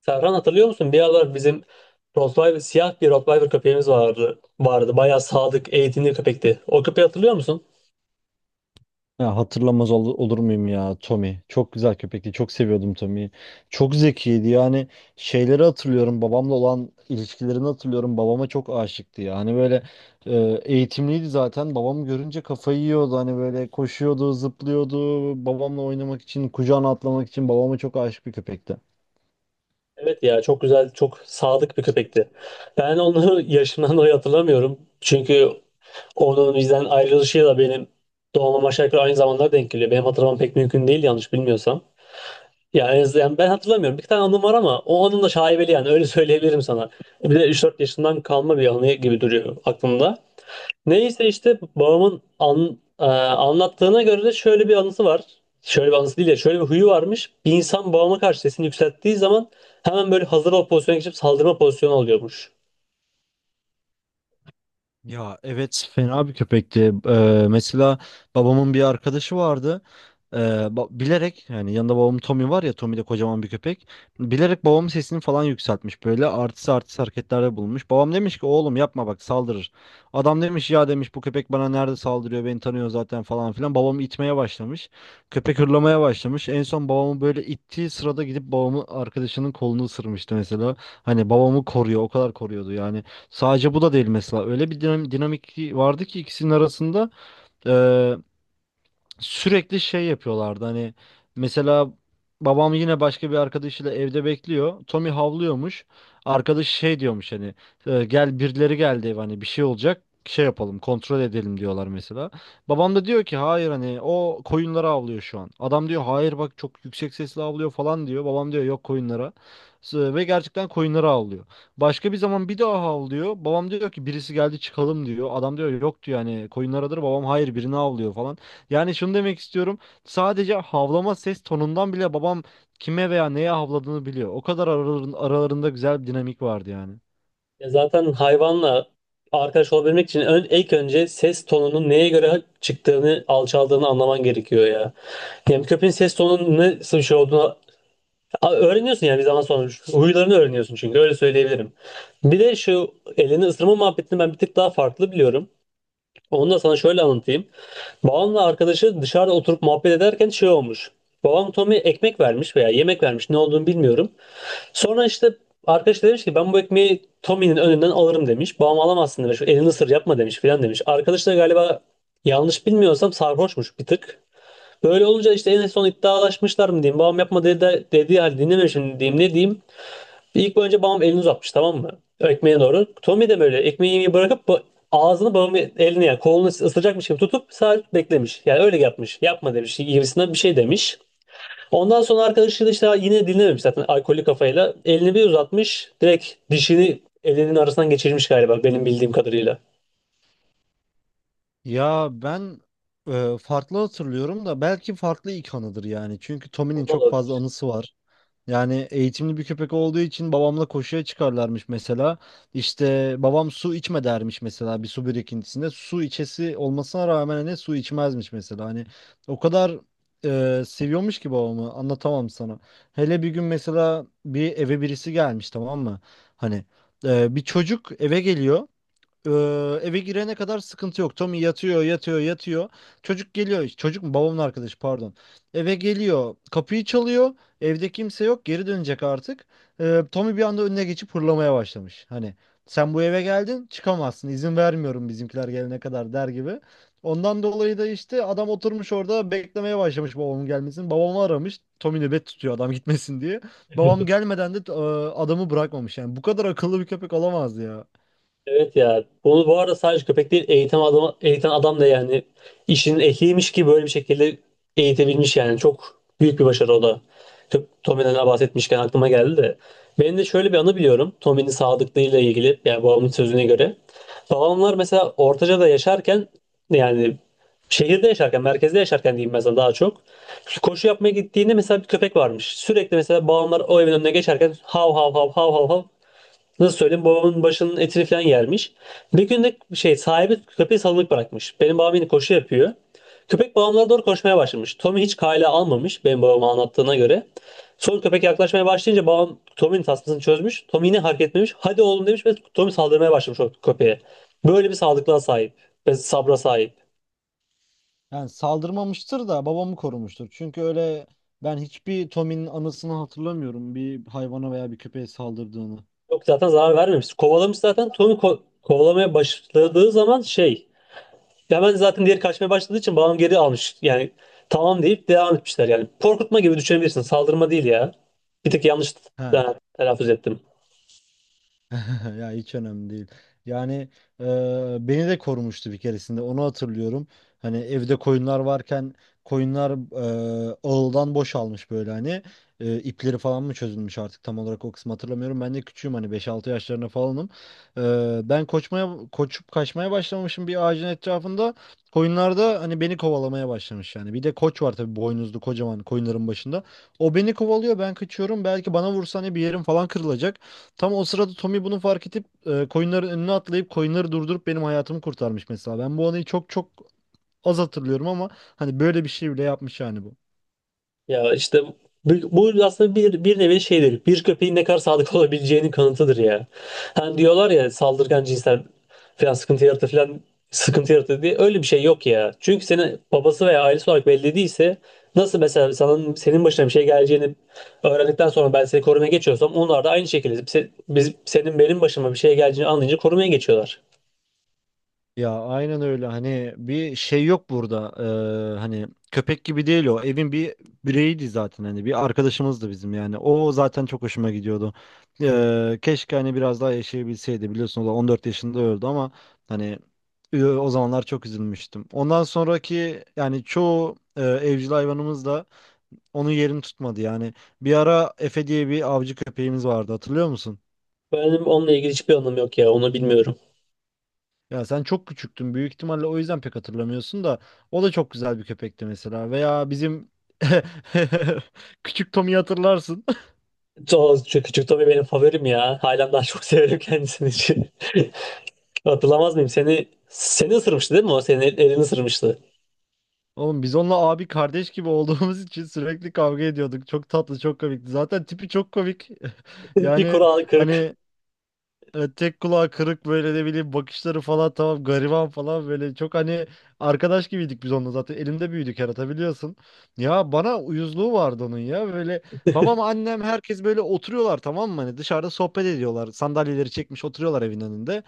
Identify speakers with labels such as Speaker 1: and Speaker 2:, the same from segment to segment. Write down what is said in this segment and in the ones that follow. Speaker 1: Serhan hatırlıyor musun? Bir aralar bizim Rottweiler, siyah bir Rottweiler köpeğimiz vardı. Vardı. Bayağı sadık, eğitimli köpekti. O köpeği hatırlıyor musun?
Speaker 2: Ya hatırlamaz olur muyum ya Tommy? Çok güzel köpekti. Çok seviyordum Tommy'yi. Çok zekiydi. Yani şeyleri hatırlıyorum. Babamla olan ilişkilerini hatırlıyorum. Babama çok aşıktı ya. Hani böyle e, eğitimliydi zaten. Babamı görünce kafayı yiyordu. Hani böyle koşuyordu, zıplıyordu. Babamla oynamak için, kucağına atlamak için babama çok aşık bir köpekti.
Speaker 1: Evet ya, çok güzel, çok sadık bir köpekti. Ben onu yaşından dolayı hatırlamıyorum. Çünkü onun bizden ayrılışıyla benim doğmam aşağı yukarı aynı zamanlara denk geliyor. Benim hatırlamam pek mümkün değil yanlış bilmiyorsam. Ya en azından yani ben hatırlamıyorum. Bir tane anım var ama o anım da şaibeli, yani öyle söyleyebilirim sana. Bir de üç dört yaşından kalma bir anı gibi duruyor aklımda. Neyse işte babamın anlattığına göre de şöyle bir anısı var. Şöyle bir anısı değil ya, şöyle bir huyu varmış. Bir insan babama karşı sesini yükselttiği zaman hemen böyle hazır ol pozisyona geçip saldırma pozisyonu alıyormuş.
Speaker 2: Ya evet fena bir köpekti. Mesela babamın bir arkadaşı vardı. Bilerek yani yanında babamın Tommy var ya, Tommy de kocaman bir köpek. Bilerek babamın sesini falan yükseltmiş, böyle artist artist hareketlerde bulunmuş. Babam demiş ki oğlum yapma bak saldırır. Adam demiş ya demiş bu köpek bana nerede saldırıyor, beni tanıyor zaten falan filan. Babamı itmeye başlamış. Köpek hırlamaya başlamış. En son babamı böyle ittiği sırada gidip babamı arkadaşının kolunu ısırmıştı mesela. Hani babamı koruyor, o kadar koruyordu yani. Sadece bu da değil mesela. Öyle bir dinamik vardı ki ikisinin arasında sürekli şey yapıyorlardı hani, mesela babam yine başka bir arkadaşıyla evde bekliyor. Tommy havlıyormuş. Arkadaş şey diyormuş hani, "E, gel birileri geldi ev hani bir şey olacak, şey yapalım kontrol edelim" diyorlar mesela. Babam da diyor ki hayır hani o koyunlara havlıyor şu an. Adam diyor hayır bak çok yüksek sesle havlıyor falan diyor. Babam diyor yok koyunlara. Ve gerçekten koyunlara havlıyor. Başka bir zaman bir daha havlıyor. Babam diyor ki birisi geldi çıkalım diyor. Adam diyor yok diyor hani koyunlaradır. Babam hayır birini havlıyor falan. Yani şunu demek istiyorum. Sadece havlama ses tonundan bile babam kime veya neye havladığını biliyor. O kadar aralarında güzel bir dinamik vardı yani.
Speaker 1: Ya zaten hayvanla arkadaş olabilmek için ön, ilk önce ses tonunun neye göre çıktığını, alçaldığını anlaman gerekiyor ya. Yani köpeğin ses tonunun nasıl bir şey olduğunu öğreniyorsun yani bir zaman sonra. Huylarını öğreniyorsun çünkü, öyle söyleyebilirim. Bir de şu elini ısırma muhabbetini ben bir tık daha farklı biliyorum. Onu da sana şöyle anlatayım. Babamla arkadaşı dışarıda oturup muhabbet ederken şey olmuş. Babam Tommy'ye ekmek vermiş veya yemek vermiş, ne olduğunu bilmiyorum. Sonra işte arkadaş da demiş ki ben bu ekmeği Tommy'nin önünden alırım demiş. Babam alamazsın demiş. Elini ısır, yapma demiş filan demiş. Arkadaş da galiba, yanlış bilmiyorsam sarhoşmuş bir tık. Böyle olunca işte en son iddialaşmışlar mı diyeyim. Babam yapma dedi, dediği halde dinlememişim diyeyim, ne diyeyim. İlk önce babam elini uzatmış, tamam mı? Ekmeğe doğru. Tommy de böyle ekmeği yemeği bırakıp ağzını babamın elini yani kolunu ısıracakmış gibi tutup sadece beklemiş. Yani öyle yapmış. Yapma demiş gibisinden bir şey demiş. Ondan sonra arkadaşı da işte yine dinlememiş zaten alkollü kafayla. Elini bir uzatmış. Direkt dişini elinin arasından geçirmiş galiba, benim bildiğim kadarıyla.
Speaker 2: Ya ben farklı hatırlıyorum da belki farklı ilk anıdır yani. Çünkü Tommy'nin çok fazla anısı var. Yani eğitimli bir köpek olduğu için babamla koşuya çıkarlarmış mesela. İşte babam su içme dermiş mesela bir su birikintisinde. Su içesi olmasına rağmen hani su içmezmiş mesela. Hani o kadar seviyormuş ki babamı, anlatamam sana. Hele bir gün mesela bir eve birisi gelmiş tamam mı? Hani bir çocuk eve geliyor. Ee, Eve girene kadar sıkıntı yok. Tommy yatıyor, yatıyor, yatıyor. Çocuk geliyor. Çocuk mu? Babamın arkadaşı pardon. Eve geliyor. Kapıyı çalıyor. Evde kimse yok. Geri dönecek artık. Tommy bir anda önüne geçip hırlamaya başlamış. Hani sen bu eve geldin çıkamazsın, İzin vermiyorum bizimkiler gelene kadar der gibi. Ondan dolayı da işte adam oturmuş orada beklemeye başlamış babamın gelmesini. Babamı aramış. Tommy nöbet tutuyor adam gitmesin diye. Babam gelmeden de adamı bırakmamış. Yani bu kadar akıllı bir köpek olamaz ya.
Speaker 1: Evet ya. Bunu bu arada sadece köpek değil, eğitim adam, eğiten adam da yani işinin ehliymiş ki böyle bir şekilde eğitebilmiş yani. Çok büyük bir başarı o da. Tommy'den bahsetmişken aklıma geldi de. Benim de şöyle bir anı biliyorum. Tommy'nin sadıklığıyla ilgili, yani babamın sözüne göre. Babamlar mesela Ortaca'da yaşarken, yani şehirde yaşarken, merkezde yaşarken diyeyim mesela daha çok. Koşu yapmaya gittiğinde mesela bir köpek varmış. Sürekli mesela babamlar o evin önüne geçerken hav hav hav hav hav hav. Nasıl söyleyeyim, babamın başının etini falan yermiş. Bir gün de şey, sahibi köpeği salınık bırakmış. Benim babam yine koşu yapıyor. Köpek babamlara doğru koşmaya başlamış. Tommy hiç kale almamış benim babama anlattığına göre. Sonra köpek yaklaşmaya başlayınca babam Tommy'nin tasmasını çözmüş. Tommy yine hareket etmemiş. Hadi oğlum demiş ve Tommy saldırmaya başlamış o köpeğe. Böyle bir sağlıklığa sahip ve sabra sahip.
Speaker 2: Yani saldırmamıştır da babamı korumuştur. Çünkü öyle ben hiçbir Tommy'nin anısını hatırlamıyorum bir hayvana veya bir köpeğe saldırdığını.
Speaker 1: Yok, zaten zarar vermemiş. Kovalamış zaten. Tommy kovalamaya başladığı zaman şey, hemen zaten diğeri kaçmaya başladığı için bağım geri almış. Yani tamam deyip devam etmişler yani. Korkutma gibi düşünebilirsin. Saldırma değil ya. Bir tek yanlış e,
Speaker 2: He.
Speaker 1: telaffuz ettim.
Speaker 2: Ya hiç önemli değil. Yani e, beni de korumuştu bir keresinde. Onu hatırlıyorum. Hani evde koyunlar varken koyunlar ağıldan boşalmış böyle hani. İpleri falan mı çözülmüş artık tam olarak o kısmı hatırlamıyorum. Ben de küçüğüm hani, beş altı yaşlarında falanım. Ben koçmaya koçup kaçmaya başlamışım bir ağacın etrafında. Koyunlar da hani beni kovalamaya başlamış yani. Bir de koç var tabii, boynuzlu kocaman, koyunların başında. O beni kovalıyor ben kaçıyorum. Belki bana vursa hani bir yerim falan kırılacak. Tam o sırada Tommy bunu fark edip coinlerin önüne atlayıp coinleri durdurup benim hayatımı kurtarmış mesela. Ben bu anıyı çok çok az hatırlıyorum ama hani böyle bir şey bile yapmış yani bu.
Speaker 1: Ya işte bu, bu aslında bir nevi şeydir. Bir köpeğin ne kadar sadık olabileceğinin kanıtıdır ya. Hani diyorlar ya saldırgan cinsten falan sıkıntı yaratır falan, sıkıntı yaratır diye. Öyle bir şey yok ya. Çünkü senin babası veya ailesi olarak belli değilse, nasıl mesela sana, senin başına bir şey geleceğini öğrendikten sonra ben seni korumaya geçiyorsam, onlar da aynı şekilde biz, senin benim başıma bir şey geleceğini anlayınca korumaya geçiyorlar.
Speaker 2: Ya aynen öyle, hani bir şey yok burada. Hani köpek gibi değil, o evin bir bireyiydi zaten, hani bir arkadaşımızdı bizim yani, o zaten çok hoşuma gidiyordu. Keşke hani biraz daha yaşayabilseydi, biliyorsun o da 14 yaşında öldü ama hani o zamanlar çok üzülmüştüm. Ondan sonraki yani çoğu evcil hayvanımız da onun yerini tutmadı yani. Bir ara Efe diye bir avcı köpeğimiz vardı, hatırlıyor musun?
Speaker 1: Benim onunla ilgili hiçbir anlamı yok ya. Onu bilmiyorum.
Speaker 2: Ya sen çok küçüktün büyük ihtimalle, o yüzden pek hatırlamıyorsun da o da çok güzel bir köpekti mesela. Veya bizim küçük Tom'u hatırlarsın.
Speaker 1: Çok, küçük Tommy benim favorim ya. Halen daha çok severim kendisini. Hatırlamaz mıyım? Seni ısırmıştı değil mi o? Senin elini ısırmıştı.
Speaker 2: Oğlum biz onunla abi kardeş gibi olduğumuz için sürekli kavga ediyorduk. Çok tatlı, çok komikti. Zaten tipi çok komik.
Speaker 1: Bir
Speaker 2: Yani
Speaker 1: kural kırık.
Speaker 2: hani evet, tek kulağı kırık böyle de bileyim, bakışları falan tamam, gariban falan böyle, çok hani arkadaş gibiydik biz onunla, zaten elimde büyüdük yaratabiliyorsun. Ya bana uyuzluğu vardı onun ya, böyle babam annem herkes böyle oturuyorlar tamam mı, hani dışarıda sohbet ediyorlar, sandalyeleri çekmiş oturuyorlar evin önünde.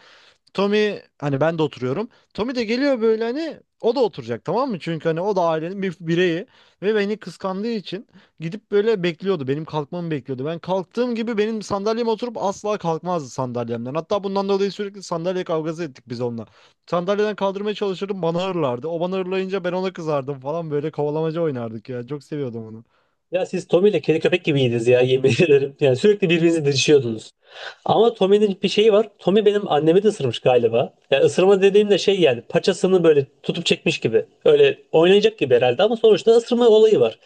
Speaker 2: Tommy hani, ben de oturuyorum. Tommy de geliyor böyle, hani o da oturacak tamam mı? Çünkü hani o da ailenin bir bireyi ve beni kıskandığı için gidip böyle bekliyordu. Benim kalkmamı bekliyordu. Ben kalktığım gibi benim sandalyeme oturup asla kalkmazdı sandalyemden. Hatta bundan dolayı sürekli sandalye kavgası ettik biz onunla. Sandalyeden kaldırmaya çalışırdım bana hırlardı. O bana hırlayınca ben ona kızardım falan, böyle kovalamaca oynardık ya. Çok seviyordum onu.
Speaker 1: Ya siz Tommy ile kedi köpek gibiydiniz ya, yemin ederim. Yani sürekli birbirinizi didişiyordunuz. Ama Tommy'nin bir şeyi var. Tommy benim annemi de ısırmış galiba. Yani ısırma dediğimde şey, yani paçasını böyle tutup çekmiş gibi. Öyle oynayacak gibi herhalde ama sonuçta ısırma olayı var.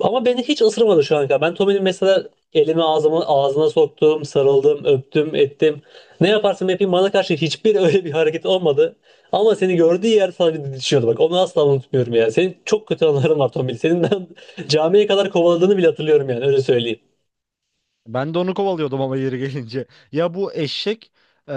Speaker 1: Ama beni hiç ısırmadı şu an kadar. Ben Tommy'nin mesela elimi, ağzımı ağzına soktum, sarıldım, öptüm, ettim. Ne yaparsam yapayım bana karşı hiçbir öyle bir hareket olmadı. Ama seni gördüğü yer sana bir didişiyordu. Bak onu asla unutmuyorum ya. Senin çok kötü anıların var Tombil. Senin ben camiye kadar kovaladığını bile hatırlıyorum, yani öyle söyleyeyim.
Speaker 2: Ben de onu kovalıyordum ama yeri gelince. Ya bu eşek eee,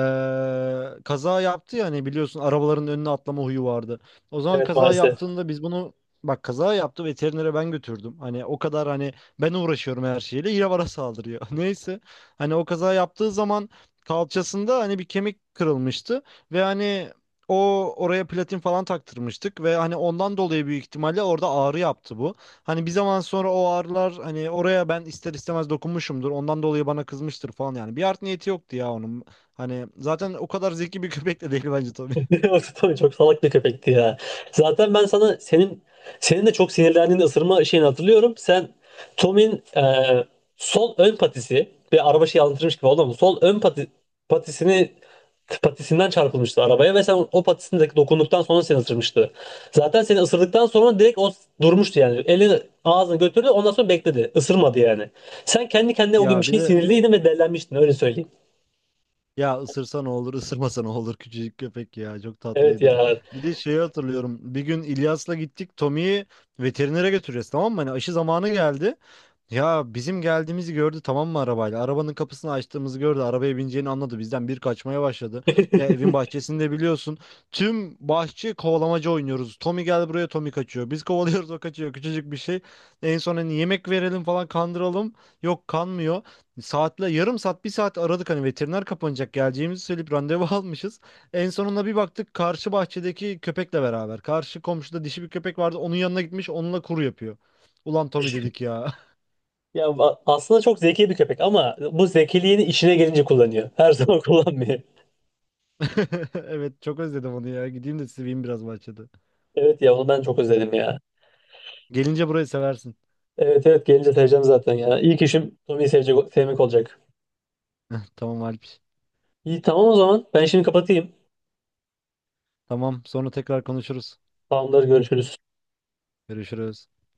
Speaker 2: kaza yaptı ya, hani biliyorsun arabaların önüne atlama huyu vardı. O zaman
Speaker 1: Evet
Speaker 2: kaza
Speaker 1: maalesef.
Speaker 2: yaptığında biz bunu bak kaza yaptı, veterinere ben götürdüm. Hani o kadar hani ben uğraşıyorum her şeyle yine bana saldırıyor. Neyse, hani o kaza yaptığı zaman kalçasında hani bir kemik kırılmıştı ve hani o oraya platin falan taktırmıştık ve hani ondan dolayı büyük ihtimalle orada ağrı yaptı bu. Hani bir zaman sonra o ağrılar hani oraya ben ister istemez dokunmuşumdur. Ondan dolayı bana kızmıştır falan yani. Bir art niyeti yoktu ya onun. Hani zaten o kadar zeki bir köpek de değil bence tabii.
Speaker 1: O tabii çok salak bir köpekti ya. Zaten ben sana senin de çok sinirlendiğin ısırma şeyini hatırlıyorum. Sen Tom'in e, sol ön patisi, bir araba şey anlatırmış gibi oldu ama sol ön pati, patisini patisinden çarpılmıştı arabaya ve sen o patisindeki dokunduktan sonra seni ısırmıştı. Zaten seni ısırdıktan sonra direkt o durmuştu yani. Elini ağzını götürdü ondan sonra bekledi. Isırmadı yani. Sen kendi kendine o gün bir
Speaker 2: Ya bir
Speaker 1: şey
Speaker 2: de
Speaker 1: sinirliydin ve dellenmiştin, öyle söyleyeyim.
Speaker 2: ya ısırsa ne olur, ısırmasa ne olur, küçücük köpek ya, çok
Speaker 1: Evet
Speaker 2: tatlıydı.
Speaker 1: ya.
Speaker 2: Bir de şeyi hatırlıyorum. Bir gün İlyas'la gittik Tommy'yi veterinere götüreceğiz tamam mı? Hani aşı zamanı geldi. Ya bizim geldiğimizi gördü tamam mı arabayla? Arabanın kapısını açtığımızı gördü. Arabaya bineceğini anladı. Bizden bir kaçmaya başladı. Ya evin bahçesinde biliyorsun. Tüm bahçe kovalamaca oynuyoruz. Tommy gel buraya, Tommy kaçıyor. Biz kovalıyoruz o kaçıyor. Küçücük bir şey. En son hani yemek verelim falan kandıralım. Yok kanmıyor. Saatle yarım saat bir saat aradık, hani veteriner kapanacak, geleceğimizi söyleyip randevu almışız. En sonunda bir baktık karşı bahçedeki köpekle beraber. Karşı komşuda dişi bir köpek vardı. Onun yanına gitmiş onunla kuru yapıyor. Ulan Tommy dedik ya.
Speaker 1: Ya aslında çok zeki bir köpek ama bu zekiliğini işine gelince kullanıyor. Her zaman kullanmıyor.
Speaker 2: Evet çok özledim onu ya. Gideyim de seveyim biraz bahçede.
Speaker 1: Evet ya, onu ben çok özledim ya.
Speaker 2: Gelince burayı seversin.
Speaker 1: Evet evet, gelince seveceğim zaten ya. İlk işim Tommy'yi sevecek, sevmek olacak.
Speaker 2: Tamam Alp.
Speaker 1: İyi, tamam o zaman. Ben şimdi kapatayım.
Speaker 2: Tamam sonra tekrar konuşuruz.
Speaker 1: Tamamdır, görüşürüz.
Speaker 2: Görüşürüz.